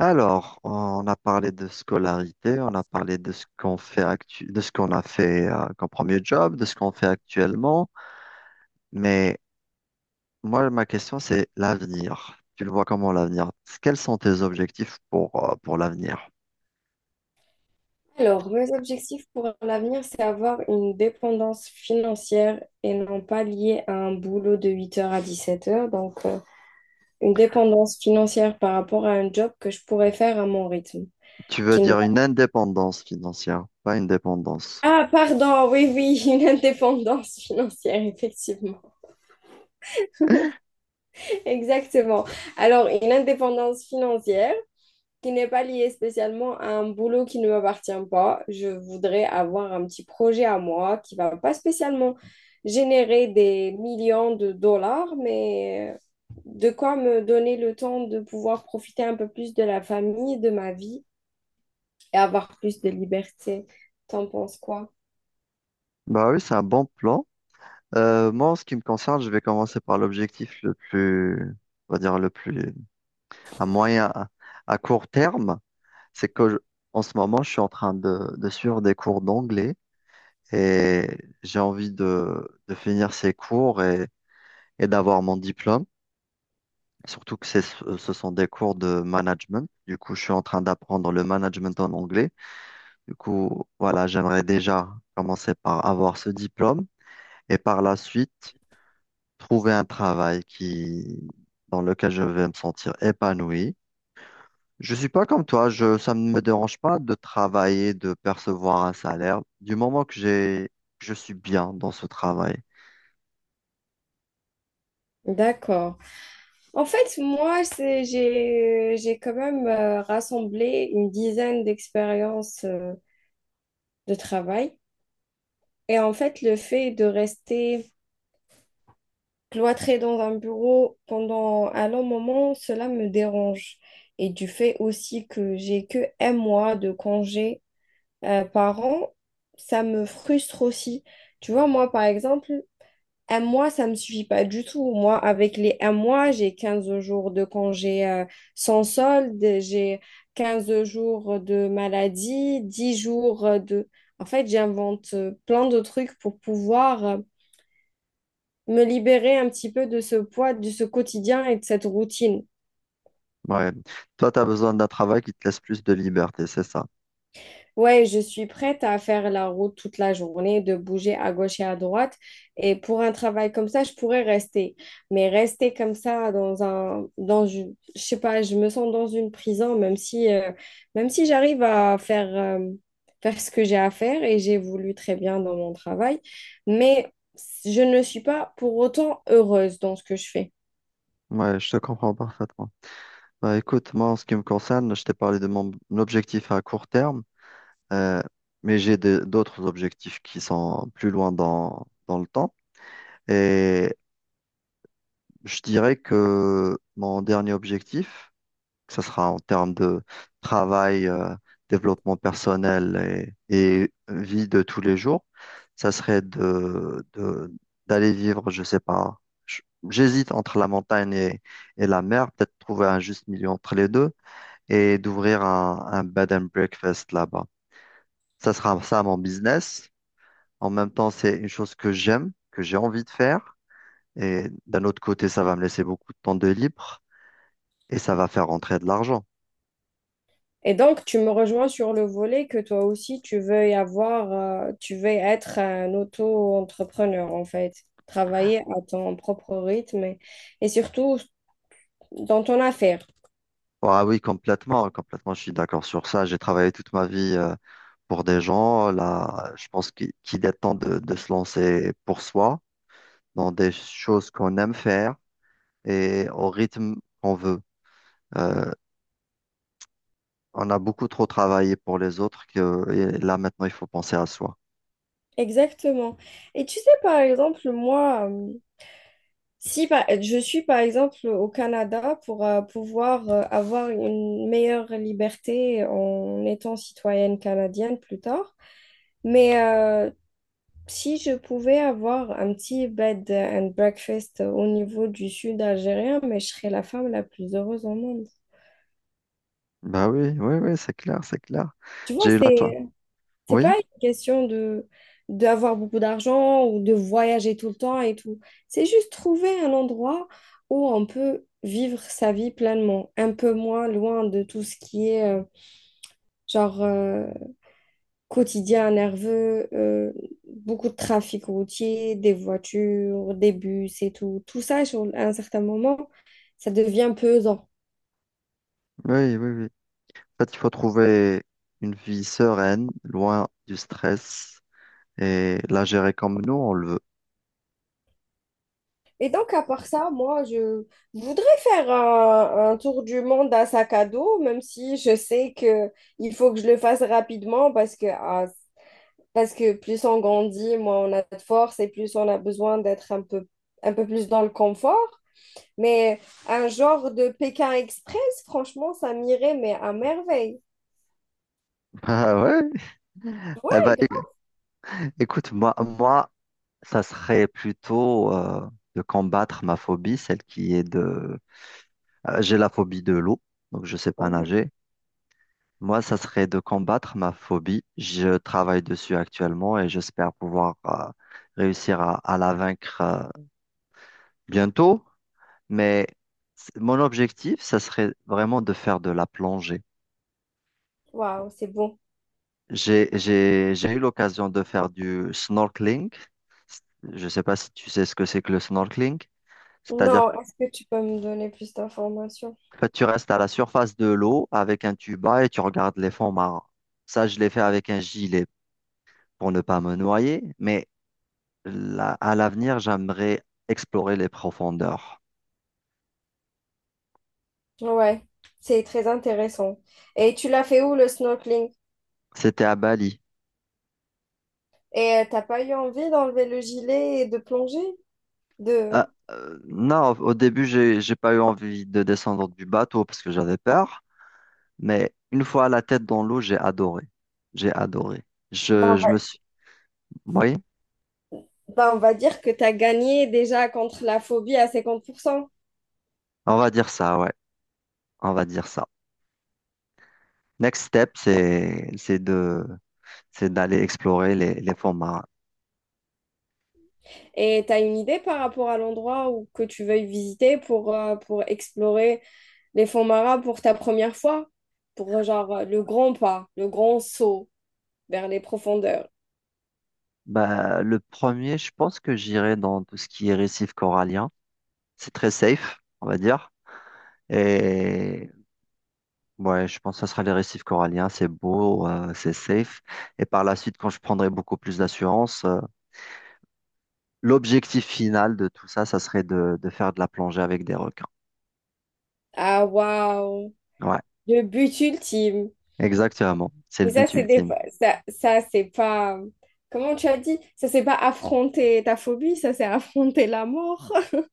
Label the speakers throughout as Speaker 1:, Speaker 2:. Speaker 1: Alors, on a parlé de scolarité, on a parlé de ce qu'on fait actu- de ce qu'on a fait comme premier job, de ce qu'on fait actuellement. Mais moi, ma question, c'est l'avenir. Tu le vois comment l'avenir? Quels sont tes objectifs pour l'avenir?
Speaker 2: Alors, mes objectifs pour l'avenir, c'est avoir une dépendance financière et non pas liée à un boulot de 8 heures à 17 heures. Donc, une dépendance financière par rapport à un job que je pourrais faire à mon rythme.
Speaker 1: Tu veux
Speaker 2: Qui ne-
Speaker 1: dire une indépendance financière, pas une dépendance.
Speaker 2: Ah, pardon, oui, oui, une indépendance financière, effectivement. Exactement. Alors, une indépendance financière qui n'est pas lié spécialement à un boulot qui ne m'appartient pas. Je voudrais avoir un petit projet à moi qui va pas spécialement générer des millions de dollars, mais de quoi me donner le temps de pouvoir profiter un peu plus de la famille, de ma vie et avoir plus de liberté. T'en penses quoi?
Speaker 1: Bah oui, c'est un bon plan. Moi, en ce qui me concerne, je vais commencer par l'objectif on va dire le plus, à court terme. c'est que je- En ce moment, je suis en train de suivre des cours d'anglais et j'ai envie de finir ces et d'avoir mon diplôme. Surtout que ce sont des cours de management. Du coup, je suis en train d'apprendre le management en anglais. Du coup, voilà, j'aimerais déjà commencer par avoir ce diplôme et par la suite trouver un dans lequel je vais me sentir épanoui. Je suis pas comme toi, ça ne me dérange pas de travailler, de percevoir un salaire, du moment que que je suis bien dans ce travail.
Speaker 2: D'accord. En fait, moi, j'ai quand même rassemblé une dizaine d'expériences de travail. Et en fait, le fait de rester cloîtrée dans un bureau pendant un long moment, cela me dérange. Et du fait aussi que j'ai que un mois de congé par an, ça me frustre aussi. Tu vois, moi, par exemple, un mois, ça me suffit pas du tout. Moi, avec les un mois, j'ai 15 jours de congé sans solde, j'ai 15 jours de maladie, 10 jours de... En fait, j'invente plein de trucs pour pouvoir... me libérer un petit peu de ce poids, de ce quotidien et de cette routine.
Speaker 1: Ouais. Toi, tu as besoin d'un travail qui te laisse plus de liberté, c'est ça.
Speaker 2: Ouais, je suis prête à faire la route toute la journée, de bouger à gauche et à droite. Et pour un travail comme ça, je pourrais rester. Mais rester comme ça dans un, dans, une- je sais pas, je me sens dans une prison, même si j'arrive à faire, faire ce que j'ai à faire et j'évolue très bien dans mon travail. Mais je ne suis pas pour autant heureuse dans ce que je fais.
Speaker 1: Ouais, je te comprends parfaitement. Bah, écoute, moi, en ce qui me concerne, je t'ai parlé de mon objectif à court terme, euh, mais d'autres objectifs qui sont plus loin dans le temps. Et je dirais que mon dernier objectif, que ce sera en termes de travail, développement personnel et vie de tous les jours, ça serait d'aller vivre, je sais pas, j- j'hésite entre la montagne et la mer, peut-être trouver un juste milieu entre les deux et d'ouvrir un bed and breakfast là-bas. Ça sera ça mon business. En même temps, c'est une chose que j'aime, que j'ai envie de faire. Et d'un autre côté, ça va me laisser beaucoup de temps de libre et ça va faire rentrer de l'argent.
Speaker 2: Et donc, tu me rejoins sur le volet que toi aussi, tu veux être un auto-entrepreneur, en fait, travailler à ton propre rythme et surtout dans ton affaire.
Speaker 1: Ah oui, complètement, complètement, je suis d'accord sur ça. J'ai travaillé toute ma vie pour des gens. Là, je pense qu'il est temps de se lancer pour soi dans des choses qu'on aime faire et au rythme qu'on veut. Euh, on a beaucoup trop travaillé pour les autres que et là maintenant il faut penser à soi.
Speaker 2: Exactement. Et tu sais, par exemple, moi, si par- je suis, par exemple, au Canada pour pouvoir avoir une meilleure liberté en étant citoyenne canadienne plus tard, mais si je pouvais avoir un petit bed and breakfast au niveau du sud algérien, mais je serais la femme la plus heureuse au monde.
Speaker 1: Bah oui, oui, oui, c'est clair, c'est clair.
Speaker 2: Tu
Speaker 1: J'ai
Speaker 2: vois,
Speaker 1: eu la chance.
Speaker 2: c'est
Speaker 1: Oui,
Speaker 2: pas une question de d'avoir beaucoup d'argent ou de voyager tout le temps et tout. C'est juste trouver un endroit où on peut vivre sa vie pleinement, un peu moins loin de tout ce qui est genre quotidien nerveux, beaucoup de trafic routier, des voitures, des bus et tout. Tout ça, à un certain moment, ça devient pesant.
Speaker 1: oui, oui, oui. En fait, il faut trouver une vie sereine, loin du stress, et la gérer comme nous, on le veut.
Speaker 2: Et donc, à part ça, moi, je voudrais faire un tour du monde à sac à dos, même si je sais que il faut que je le fasse rapidement parce que, ah, parce que plus on grandit, moins on a de force et plus on a besoin d'être un peu plus dans le confort. Mais un genre de Pékin Express, franchement, ça m'irait, mais à merveille.
Speaker 1: Ah ouais? Eh ben,
Speaker 2: Ouais, grave.
Speaker 1: écoute, moi, ça serait plutôt de combattre ma phobie, celle qui est de... j'ai la phobie de l'eau, donc je sais pas
Speaker 2: Oh,
Speaker 1: nager. Moi, ça serait de combattre ma phobie. Je travaille dessus actuellement et j'espère pouvoir réussir à la vaincre. Bientôt, mais mon objectif, ça serait vraiment de faire de la plongée.
Speaker 2: waouh, c'est bon.
Speaker 1: J'ai eu l'occasion de faire du snorkeling. Je ne sais pas si tu sais ce que c'est que le snorkeling. C'est-à-dire
Speaker 2: Non, est-ce que tu peux me donner plus d'informations?
Speaker 1: que tu restes à la surface de l'eau avec un tuba et tu regardes les fonds marins. Ça, je l'ai fait avec un gilet pour ne pas me noyer, mais là, à l'avenir, j'aimerais explorer les profondeurs.
Speaker 2: Ouais, c'est très intéressant. Et tu l'as fait où le snorkeling?
Speaker 1: C'était à Bali.
Speaker 2: Et t'as pas eu envie d'enlever le gilet et de plonger? De...
Speaker 1: Ah, non, au début, j'ai pas eu envie de descendre du bateau parce que j'avais peur, mais une fois la tête dans l'eau, j'ai adoré. J'ai adoré.
Speaker 2: Ben,
Speaker 1: Je, je me suis, oui,
Speaker 2: ben, on va dire que t'as gagné déjà contre la phobie à 50%.
Speaker 1: on va dire ça, ouais, on va dire ça. Next step, c'est d'aller explorer les fonds marins.
Speaker 2: Et t'as une idée par rapport à l'endroit où que tu veuilles visiter pour explorer les fonds marins pour ta première fois, pour genre le grand pas, le grand saut vers les profondeurs.
Speaker 1: Bah, le premier, je pense que j'irai dans tout ce qui est récif corallien. C'est très safe, on va dire. Et ouais, je pense que ce sera les récifs coralliens, c'est beau, c'est safe. Et par la suite, quand je prendrai beaucoup plus d'assurance, l'objectif final de tout ça, ça serait de faire de la plongée avec des requins.
Speaker 2: Ah, waouh,
Speaker 1: Ouais,
Speaker 2: le but ultime.
Speaker 1: exactement. C'est le
Speaker 2: Mais ça,
Speaker 1: but
Speaker 2: c'est des...
Speaker 1: ultime.
Speaker 2: ça c'est pas... Comment tu as dit? Ça, c'est pas affronter ta phobie, ça, c'est affronter la mort.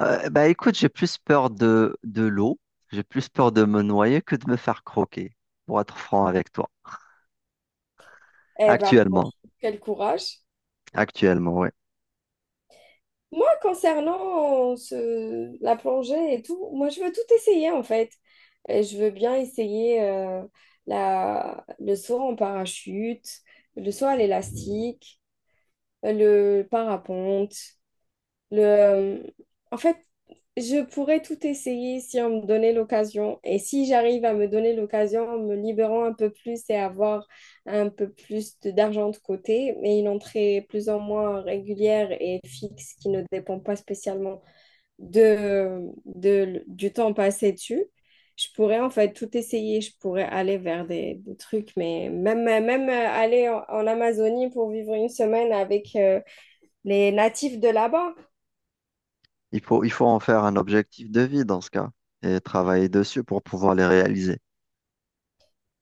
Speaker 1: Bah écoute, j'ai plus peur de l'eau, j'ai plus peur de me noyer que de me faire croquer, pour être franc avec toi.
Speaker 2: Eh ben,
Speaker 1: Actuellement,
Speaker 2: franchement, quel courage.
Speaker 1: actuellement, ouais.
Speaker 2: Moi, concernant la plongée et tout, moi, je veux tout essayer en fait. Et je veux bien essayer le saut en parachute, le saut à l'élastique, le parapente, le... euh, en fait, je pourrais tout essayer si on me donnait l'occasion. Et si j'arrive à me donner l'occasion en me libérant un peu plus et avoir un peu plus d'argent de côté, mais une entrée plus ou moins régulière et fixe qui ne dépend pas spécialement du temps passé dessus, je pourrais en fait tout essayer. Je pourrais aller vers des trucs, mais même aller en Amazonie pour vivre une semaine avec les natifs de là-bas,
Speaker 1: Il faut en faire un objectif de vie dans ce cas et travailler dessus pour pouvoir les réaliser.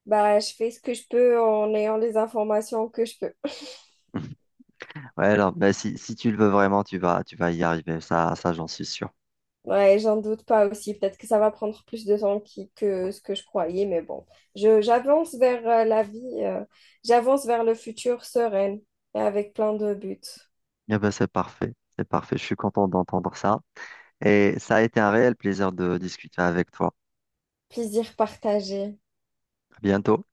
Speaker 2: bah, je fais ce que je peux en ayant les informations que je peux.
Speaker 1: Ouais, alors, mais si, si tu le veux vraiment, tu vas y arriver. Ça, j'en suis sûr.
Speaker 2: Ouais, j'en doute pas aussi. Peut-être que ça va prendre plus de temps que ce que je croyais, mais bon, j'avance vers la vie, j'avance vers le futur sereine et avec plein de buts.
Speaker 1: Eh ben, c'est parfait. C'est parfait. Je suis content d'entendre ça. Et ça a été un réel plaisir de discuter avec toi.
Speaker 2: Plaisir partagé.
Speaker 1: À bientôt.